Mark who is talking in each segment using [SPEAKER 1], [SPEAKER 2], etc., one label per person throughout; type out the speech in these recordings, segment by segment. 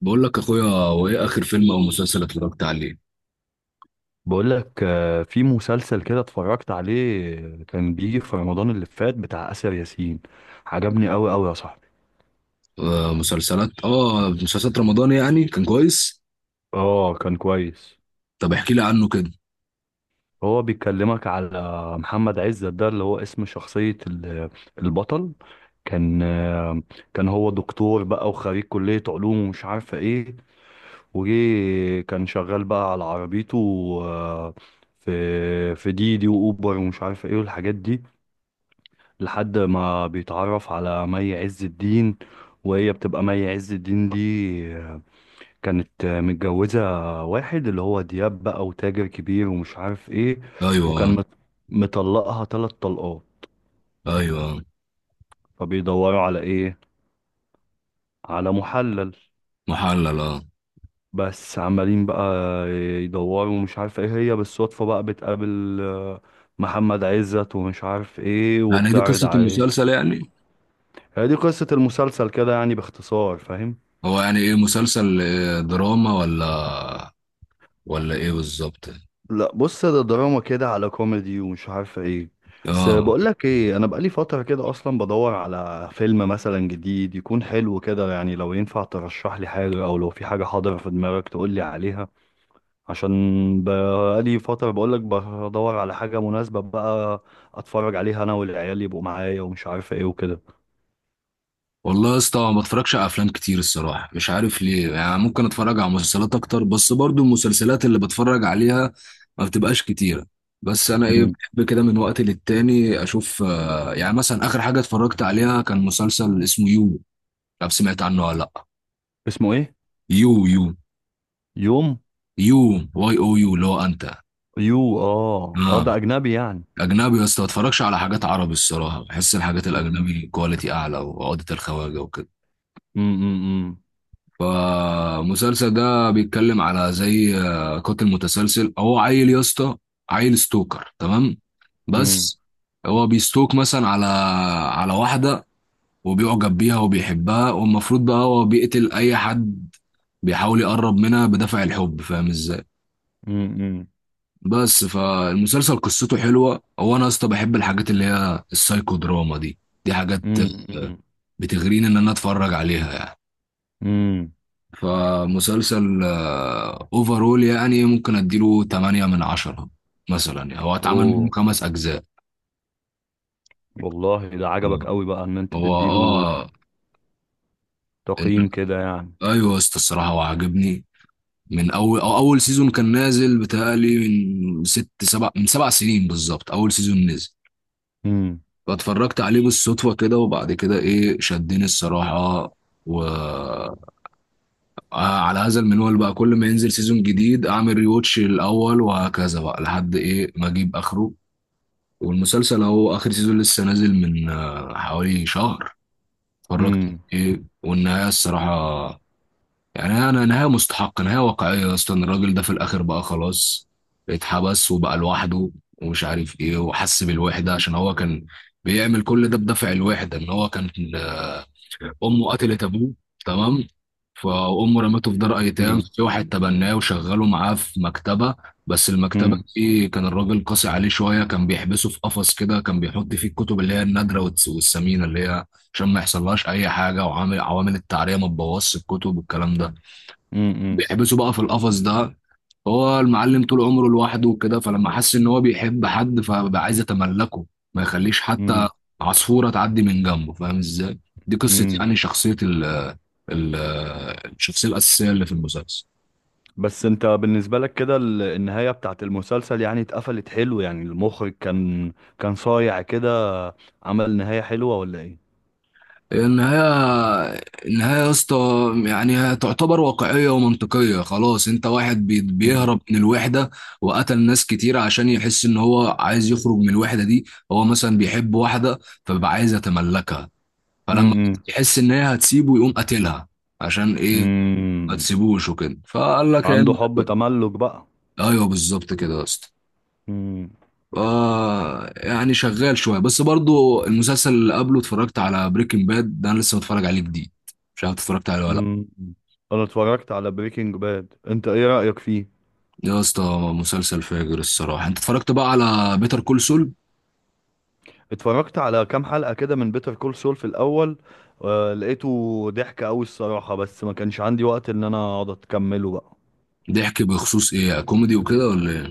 [SPEAKER 1] بقول لك يا اخويا، وايه اخر فيلم او مسلسل اتفرجت عليه؟
[SPEAKER 2] بقول لك في مسلسل كده اتفرجت عليه. كان بيجي في رمضان اللي فات بتاع آسر ياسين. عجبني قوي قوي يا صاحبي.
[SPEAKER 1] آه، مسلسلات رمضان يعني كان كويس.
[SPEAKER 2] اه، كان كويس.
[SPEAKER 1] طب احكي لي عنه كده.
[SPEAKER 2] هو بيكلمك على محمد عزت، ده اللي هو اسم شخصية البطل. كان آه، كان هو دكتور بقى وخريج كلية علوم ومش عارفة ايه. وجي كان شغال بقى على عربيته، آه، في ديدي وأوبر ومش عارفة ايه والحاجات دي، لحد ما بيتعرف على مي عز الدين. وهي بتبقى مي عز الدين دي كانت متجوزة واحد اللي هو دياب بقى، وتاجر كبير ومش عارف ايه، وكان
[SPEAKER 1] ايوه.
[SPEAKER 2] مت- مطلقها تلات طلقات.
[SPEAKER 1] ايوه.
[SPEAKER 2] فبيدوروا على ايه؟ على محلل.
[SPEAKER 1] محلل، اه.
[SPEAKER 2] بس عمالين بقى يدوروا ومش عارف ايه، هي بالصدفة بقى بتقابل محمد عزت ومش عارف ايه
[SPEAKER 1] يعني دي
[SPEAKER 2] وبتعرض
[SPEAKER 1] قصة
[SPEAKER 2] عليه.
[SPEAKER 1] المسلسل يعني؟
[SPEAKER 2] هي دي قصة المسلسل كده يعني باختصار، فاهم.
[SPEAKER 1] هو يعني ايه، مسلسل دراما ولا ايه بالظبط؟
[SPEAKER 2] لا بص، ده دراما كده على كوميدي ومش عارف ايه. بس
[SPEAKER 1] اه.
[SPEAKER 2] بقول لك ايه، انا بقالي فتره كده اصلا بدور على فيلم مثلا جديد يكون حلو كده، يعني لو ينفع ترشح لي حاجه، او لو في حاجه حاضره في دماغك تقول لي عليها. عشان بقالي فتره بقول لك بدور على حاجه مناسبه بقى اتفرج عليها انا والعيال يبقوا معايا ومش عارف ايه وكده.
[SPEAKER 1] والله يا اسطى، ما بتفرجش على افلام كتير الصراحه، مش عارف ليه يعني، ممكن اتفرج على مسلسلات اكتر، بس برضو المسلسلات اللي بتفرج عليها ما بتبقاش كتيره. بس انا ايه،
[SPEAKER 2] مم.
[SPEAKER 1] بحب كده من وقت للتاني اشوف، يعني مثلا اخر حاجه اتفرجت عليها كان مسلسل اسمه يو، مش عارف، سمعت عنه ولا لا؟
[SPEAKER 2] اسمه ايه؟
[SPEAKER 1] يو يو
[SPEAKER 2] يوم.
[SPEAKER 1] يو YOU، اللي هو انت.
[SPEAKER 2] يو. اه، اه، ده
[SPEAKER 1] اه.
[SPEAKER 2] اجنبي يعني.
[SPEAKER 1] اجنبي يا اسطى، ما اتفرجش على حاجات عربي الصراحه، بحس الحاجات
[SPEAKER 2] مم.
[SPEAKER 1] الاجنبي كواليتي اعلى وعقده الخواجه وكده.
[SPEAKER 2] مم. مم.
[SPEAKER 1] فالمسلسل ده بيتكلم على زي قاتل متسلسل، هو عيل يا اسطى، عيل ستوكر تمام،
[SPEAKER 2] مم.
[SPEAKER 1] بس. هو بيستوك مثلا على واحدة، وبيعجب بيها وبيحبها، والمفروض بقى هو بيقتل أي حد بيحاول يقرب منها بدافع الحب، فاهم ازاي؟
[SPEAKER 2] مم. مم.
[SPEAKER 1] بس فالمسلسل قصته حلوة، هو أنا يا اسطى بحب الحاجات اللي هي السايكو دراما دي، دي حاجات
[SPEAKER 2] مم.
[SPEAKER 1] آه،
[SPEAKER 2] مم.
[SPEAKER 1] بتغريني إن أنا أتفرج عليها يعني.
[SPEAKER 2] امم.
[SPEAKER 1] فمسلسل اوفرول يعني ممكن اديله 8 من 10 مثلا، يعني هو اتعمل منه
[SPEAKER 2] اوه.
[SPEAKER 1] خمس اجزاء.
[SPEAKER 2] والله ده عجبك
[SPEAKER 1] آه.
[SPEAKER 2] قوي بقى ان انت
[SPEAKER 1] هو
[SPEAKER 2] تديله
[SPEAKER 1] اه إن-
[SPEAKER 2] تقييم كده يعني.
[SPEAKER 1] ايوه يا اسطى الصراحه، هو عاجبني من اول، أو اول سيزون كان نازل، بتهيألي من ست سبع من 7 سنين بالظبط اول سيزون نزل.
[SPEAKER 2] امم.
[SPEAKER 1] فاتفرجت عليه بالصدفه كده، وبعد كده ايه، شدني الصراحه، و على هذا المنوال بقى، كل ما ينزل سيزون جديد اعمل ريوتش الاول، وهكذا بقى لحد ايه ما اجيب اخره. والمسلسل اهو اخر سيزون لسه نازل من حوالي شهر اتفرجت.
[SPEAKER 2] امم.
[SPEAKER 1] ايه والنهايه الصراحه، يعني انا نهايه مستحقه نهايه واقعيه، اصلا الراجل ده في الاخر بقى خلاص، اتحبس وبقى لوحده ومش عارف ايه وحس بالوحده، عشان هو كان بيعمل كل ده بدافع الوحده، ان هو كان امه قتلت ابوه تمام. فامه رمته في دار ايتام،
[SPEAKER 2] امم.
[SPEAKER 1] في واحد تبناه وشغله معاه في مكتبه. بس المكتبه
[SPEAKER 2] امم.
[SPEAKER 1] دي كان الراجل قاسي عليه شويه، كان بيحبسه في قفص كده، كان بيحط فيه الكتب اللي هي النادره والثمينه، اللي هي عشان ما يحصلهاش اي حاجه، وعامل عوامل التعريه ما تبوظش الكتب والكلام ده.
[SPEAKER 2] امم.
[SPEAKER 1] بيحبسه بقى في القفص ده، هو المعلم طول عمره لوحده وكده، فلما حس ان هو بيحب حد، فبقى عايز يتملكه، ما يخليش حتى
[SPEAKER 2] امم.
[SPEAKER 1] عصفورة تعدي من جنبه، فاهم ازاي؟ دي قصة
[SPEAKER 2] امم.
[SPEAKER 1] يعني شخصية ال ال الشخصية الأساسية اللي في المسلسل.
[SPEAKER 2] بس انت بالنسبة لك كده، النهاية بتاعت المسلسل يعني اتقفلت حلو؟ يعني المخرج كان صايع كده، عمل نهاية حلوة ولا ايه؟
[SPEAKER 1] النهاية، النهاية يا اسطى، يعني هي تعتبر واقعية ومنطقية، خلاص. انت واحد
[SPEAKER 2] امم.
[SPEAKER 1] بيهرب من الوحدة وقتل ناس كتير، عشان يحس ان هو عايز يخرج من الوحدة دي، هو مثلا بيحب واحدة فبيبقى عايز يتملكها، فلما
[SPEAKER 2] امم.
[SPEAKER 1] يحس ان هي هتسيبه يقوم قاتلها، عشان ايه؟ ما
[SPEAKER 2] امم.
[SPEAKER 1] تسيبوش وكده، فقال لك
[SPEAKER 2] عنده
[SPEAKER 1] يعني.
[SPEAKER 2] حب تملك بقى.
[SPEAKER 1] ايوه بالظبط كده يا اسطى.
[SPEAKER 2] امم.
[SPEAKER 1] ف- يعني شغال شويه، بس برضو المسلسل اللي قبله اتفرجت على بريكنج باد، ده انا لسه متفرج عليه جديد، مش عارف اتفرجت عليه ولا لا.
[SPEAKER 2] امم. انا اتفرجت على بريكنج باد، انت ايه رأيك فيه؟
[SPEAKER 1] يا اسطى، مسلسل فاجر الصراحه، انت اتفرجت بقى على بيتر كول سول؟
[SPEAKER 2] اتفرجت على كام حلقة كده من بيتر كول سول في الأول. آه، لقيته ضحك أوي الصراحة، بس ما كانش عندي وقت إن أنا أقعد أكمله بقى.
[SPEAKER 1] بيحكي بخصوص ايه، كوميدي وكده ولا ايه؟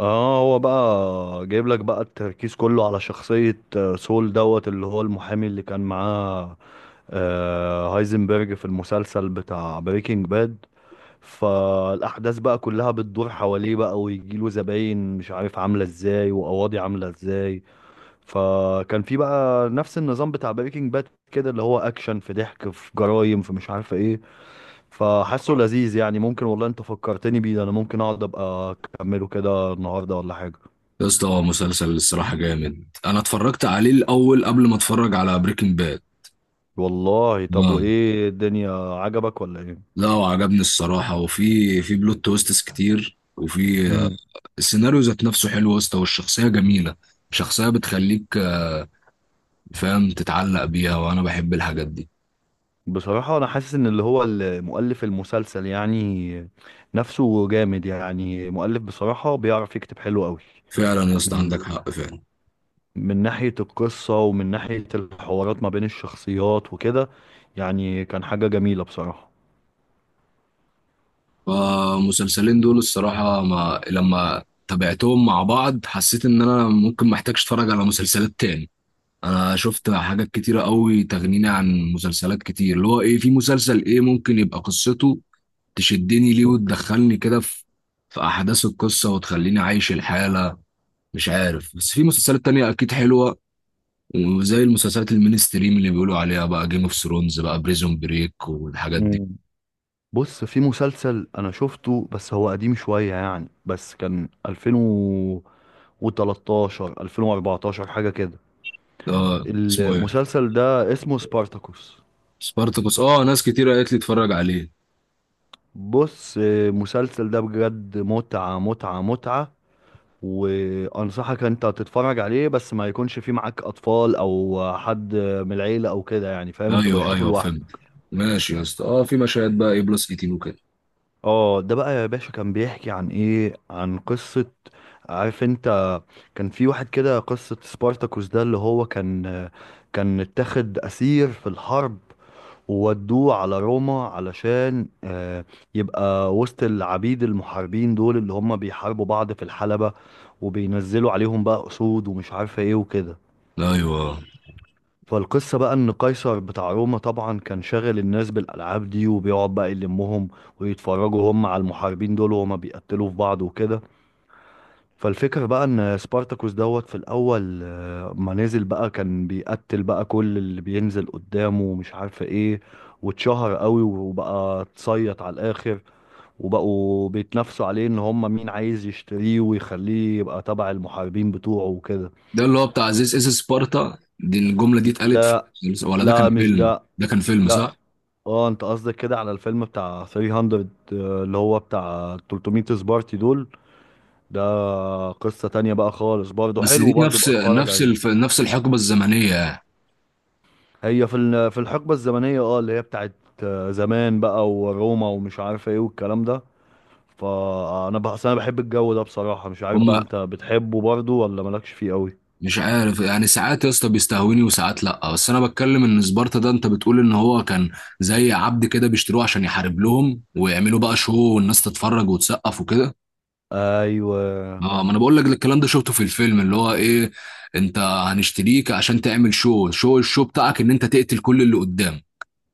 [SPEAKER 2] اه، هو بقى جايب لك بقى التركيز كله على شخصية سول دوت، اللي هو المحامي اللي كان معاه هايزنبرج في المسلسل بتاع بريكنج باد. فالأحداث بقى كلها بتدور حواليه بقى، ويجيله زباين مش عارف عاملة ازاي وقواضي عاملة ازاي. فكان في بقى نفس النظام بتاع بريكنج باد كده، اللي هو اكشن في ضحك في جرايم في مش عارفه ايه. فحاسه لذيذ يعني. ممكن والله انت فكرتني بيه ده، انا ممكن اقعد ابقى اكمله كده النهارده ولا حاجه.
[SPEAKER 1] يا اسطى، هو مسلسل الصراحه جامد، انا اتفرجت عليه الاول قبل ما اتفرج على بريكنج
[SPEAKER 2] والله طب
[SPEAKER 1] باد.
[SPEAKER 2] وايه، الدنيا عجبك ولا ايه؟
[SPEAKER 1] لا، وعجبني الصراحة، وفي بلوت تويستس كتير، وفي
[SPEAKER 2] امم.
[SPEAKER 1] السيناريو ذات نفسه حلو يا اسطى، والشخصية جميلة، شخصية بتخليك فاهم تتعلق بيها، وأنا بحب الحاجات دي.
[SPEAKER 2] بصراحة أنا حاسس إن اللي هو مؤلف المسلسل يعني، نفسه جامد. يعني مؤلف بصراحة بيعرف يكتب حلو قوي.
[SPEAKER 1] فعلا يا اسطى،
[SPEAKER 2] من
[SPEAKER 1] عندك حق فعلا.
[SPEAKER 2] من ناحية القصة ومن ناحية الحوارات ما بين الشخصيات وكده، يعني كان حاجة جميلة بصراحة.
[SPEAKER 1] فالمسلسلين دول الصراحة، ما لما تابعتهم مع بعض حسيت إن أنا ممكن محتاجش أتفرج على مسلسلات تاني، أنا شفت حاجات كتيرة قوي تغنيني عن مسلسلات كتير، اللي هو إيه، في مسلسل إيه ممكن يبقى قصته تشدني ليه وتدخلني كده في احداث القصه، وتخليني عايش الحاله. مش عارف، بس في مسلسلات تانية اكيد حلوه، وزي المسلسلات المينستريم اللي بيقولوا عليها بقى جيم اوف ثرونز بقى، بريزون بريك، والحاجات دي.
[SPEAKER 2] مم. بص في مسلسل انا شفته بس هو قديم شوية يعني، بس كان 2013 2014 حاجة كده.
[SPEAKER 1] اه، اسمه ايه؟
[SPEAKER 2] المسلسل ده اسمه سبارتاكوس.
[SPEAKER 1] سبارتاكوس، اه، ناس كتير قالت لي اتفرج عليه.
[SPEAKER 2] بص، المسلسل ده بجد متعة متعة متعة. وانصحك انت تتفرج عليه، بس ما يكونش فيه معاك اطفال او حد من العيلة او كده يعني، فاهم؟ انت
[SPEAKER 1] ايوه،
[SPEAKER 2] بشوفه
[SPEAKER 1] ايوه، فهمت.
[SPEAKER 2] لوحدك.
[SPEAKER 1] ماشي يا اسطى، اه، في مشاهد بقى ايه بلس 18 وكده؟
[SPEAKER 2] اه، ده بقى يا باشا كان بيحكي عن ايه، عن قصة، عارف انت. كان في واحد كده، قصة سبارتاكوس ده اللي هو كان اتاخد اسير في الحرب، وودوه على روما علشان يبقى وسط العبيد المحاربين دول اللي هم بيحاربوا بعض في الحلبة، وبينزلوا عليهم بقى اسود ومش عارفة ايه وكده.
[SPEAKER 1] ايوه،
[SPEAKER 2] فالقصة بقى إن قيصر بتاع روما طبعا كان شاغل الناس بالألعاب دي، وبيقعد بقى يلمهم ويتفرجوا هم على المحاربين دول وهما بيقتلوا في بعض وكده. فالفكرة بقى إن سبارتاكوس دوت في الأول، ما نزل بقى كان بيقتل بقى كل اللي بينزل قدامه ومش عارفة إيه، واتشهر قوي وبقى اتصيط على الآخر، وبقوا بيتنافسوا عليه إن هما مين عايز يشتريه ويخليه يبقى تبع المحاربين بتوعه وكده.
[SPEAKER 1] ده اللي هو بتاع عزيز اس سبارتا دي، الجمله دي اتقالت في
[SPEAKER 2] لا.
[SPEAKER 1] ولا ده كان
[SPEAKER 2] لا مش
[SPEAKER 1] فيلم،
[SPEAKER 2] ده.
[SPEAKER 1] ده كان فيلم،
[SPEAKER 2] لا.
[SPEAKER 1] صح؟
[SPEAKER 2] اه، انت قصدك كده على الفيلم بتاع 300، اللي هو بتاع 300 سبارتي دول. ده قصة تانية بقى خالص، برضه
[SPEAKER 1] بس
[SPEAKER 2] حلو،
[SPEAKER 1] دي
[SPEAKER 2] برضه بقى اتفرج عليه.
[SPEAKER 1] نفس الحقبه الزمنيه يعني.
[SPEAKER 2] في الحقبة الزمنية اه اللي هي بتاعت زمان بقى، وروما ومش عارف ايه والكلام ده. فانا بحس انا بحب الجو ده بصراحة. مش عارف بقى
[SPEAKER 1] هم
[SPEAKER 2] انت بتحبه برضه ولا مالكش فيه قوي.
[SPEAKER 1] مش عارف، يعني ساعات يا اسطى بيستهوني وساعات لا، بس انا بتكلم ان سبارتا ده، انت بتقول ان هو كان زي عبد كده بيشتروه عشان يحارب لهم ويعملوا بقى شو، والناس تتفرج وتسقف وكده.
[SPEAKER 2] ايوه
[SPEAKER 1] اه، ما انا بقول لك الكلام ده شفته في الفيلم، اللي هو ايه، انت هنشتريك عشان تعمل شو شو الشو بتاعك، ان انت تقتل كل اللي قدام،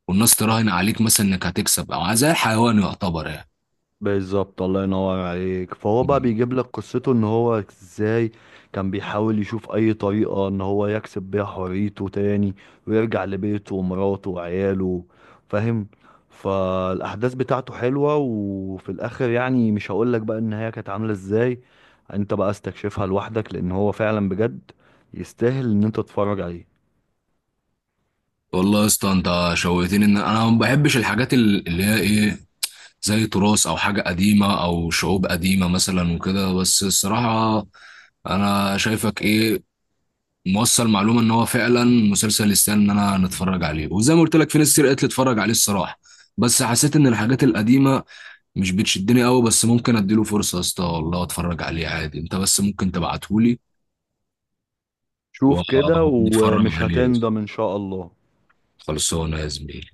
[SPEAKER 1] والناس تراهن عليك مثلا انك هتكسب، او زي الحيوان يعتبر
[SPEAKER 2] بالظبط، الله ينور عليك. فهو بقى
[SPEAKER 1] يعني.
[SPEAKER 2] بيجيب لك قصته ان هو ازاي كان بيحاول يشوف اي طريقة ان هو يكسب بيها حريته تاني، ويرجع لبيته ومراته وعياله، فاهم. فالاحداث بتاعته حلوة. وفي الاخر يعني مش هقول لك بقى النهاية كانت عاملة ازاي، انت بقى استكشفها لوحدك، لان هو فعلا بجد يستاهل ان انت تتفرج عليه.
[SPEAKER 1] والله يا اسطى، انت شوقتني، ان انا ما بحبش الحاجات اللي هي ايه، زي تراث او حاجه قديمه او شعوب قديمه مثلا وكده، بس الصراحه انا شايفك ايه، موصل معلومه ان هو فعلا مسلسل يستاهل ان انا نتفرج عليه، وزي ما قلت لك في ناس كتير قالت لي اتفرج عليه الصراحه. بس حسيت ان الحاجات القديمه مش بتشدني قوي، بس ممكن اديله فرصه يا اسطى والله، اتفرج عليه عادي، انت بس ممكن تبعتهولي
[SPEAKER 2] شوف كده
[SPEAKER 1] ونتفرج
[SPEAKER 2] ومش
[SPEAKER 1] عليه.
[SPEAKER 2] هتندم ان شاء الله.
[SPEAKER 1] خلصانه يا زميلي.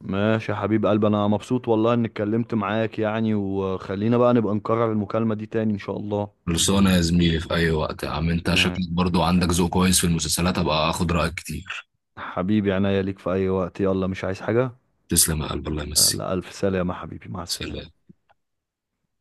[SPEAKER 2] ماشي يا حبيب قلبي، انا مبسوط والله اني اتكلمت معاك يعني. وخلينا بقى نبقى نكرر المكالمة دي تاني ان شاء الله.
[SPEAKER 1] خلصانة يا زميلي في أي وقت، يا عم أنت
[SPEAKER 2] آه،
[SPEAKER 1] شكلك برضو عندك ذوق كويس في المسلسلات، أبقى أخد رأيك كتير.
[SPEAKER 2] حبيبي عناية ليك في اي وقت. يلا مش عايز حاجة.
[SPEAKER 1] تسلم يا قلب، الله يمسيك.
[SPEAKER 2] يلا الف سلامة حبيبي، مع السلامة.
[SPEAKER 1] سلام.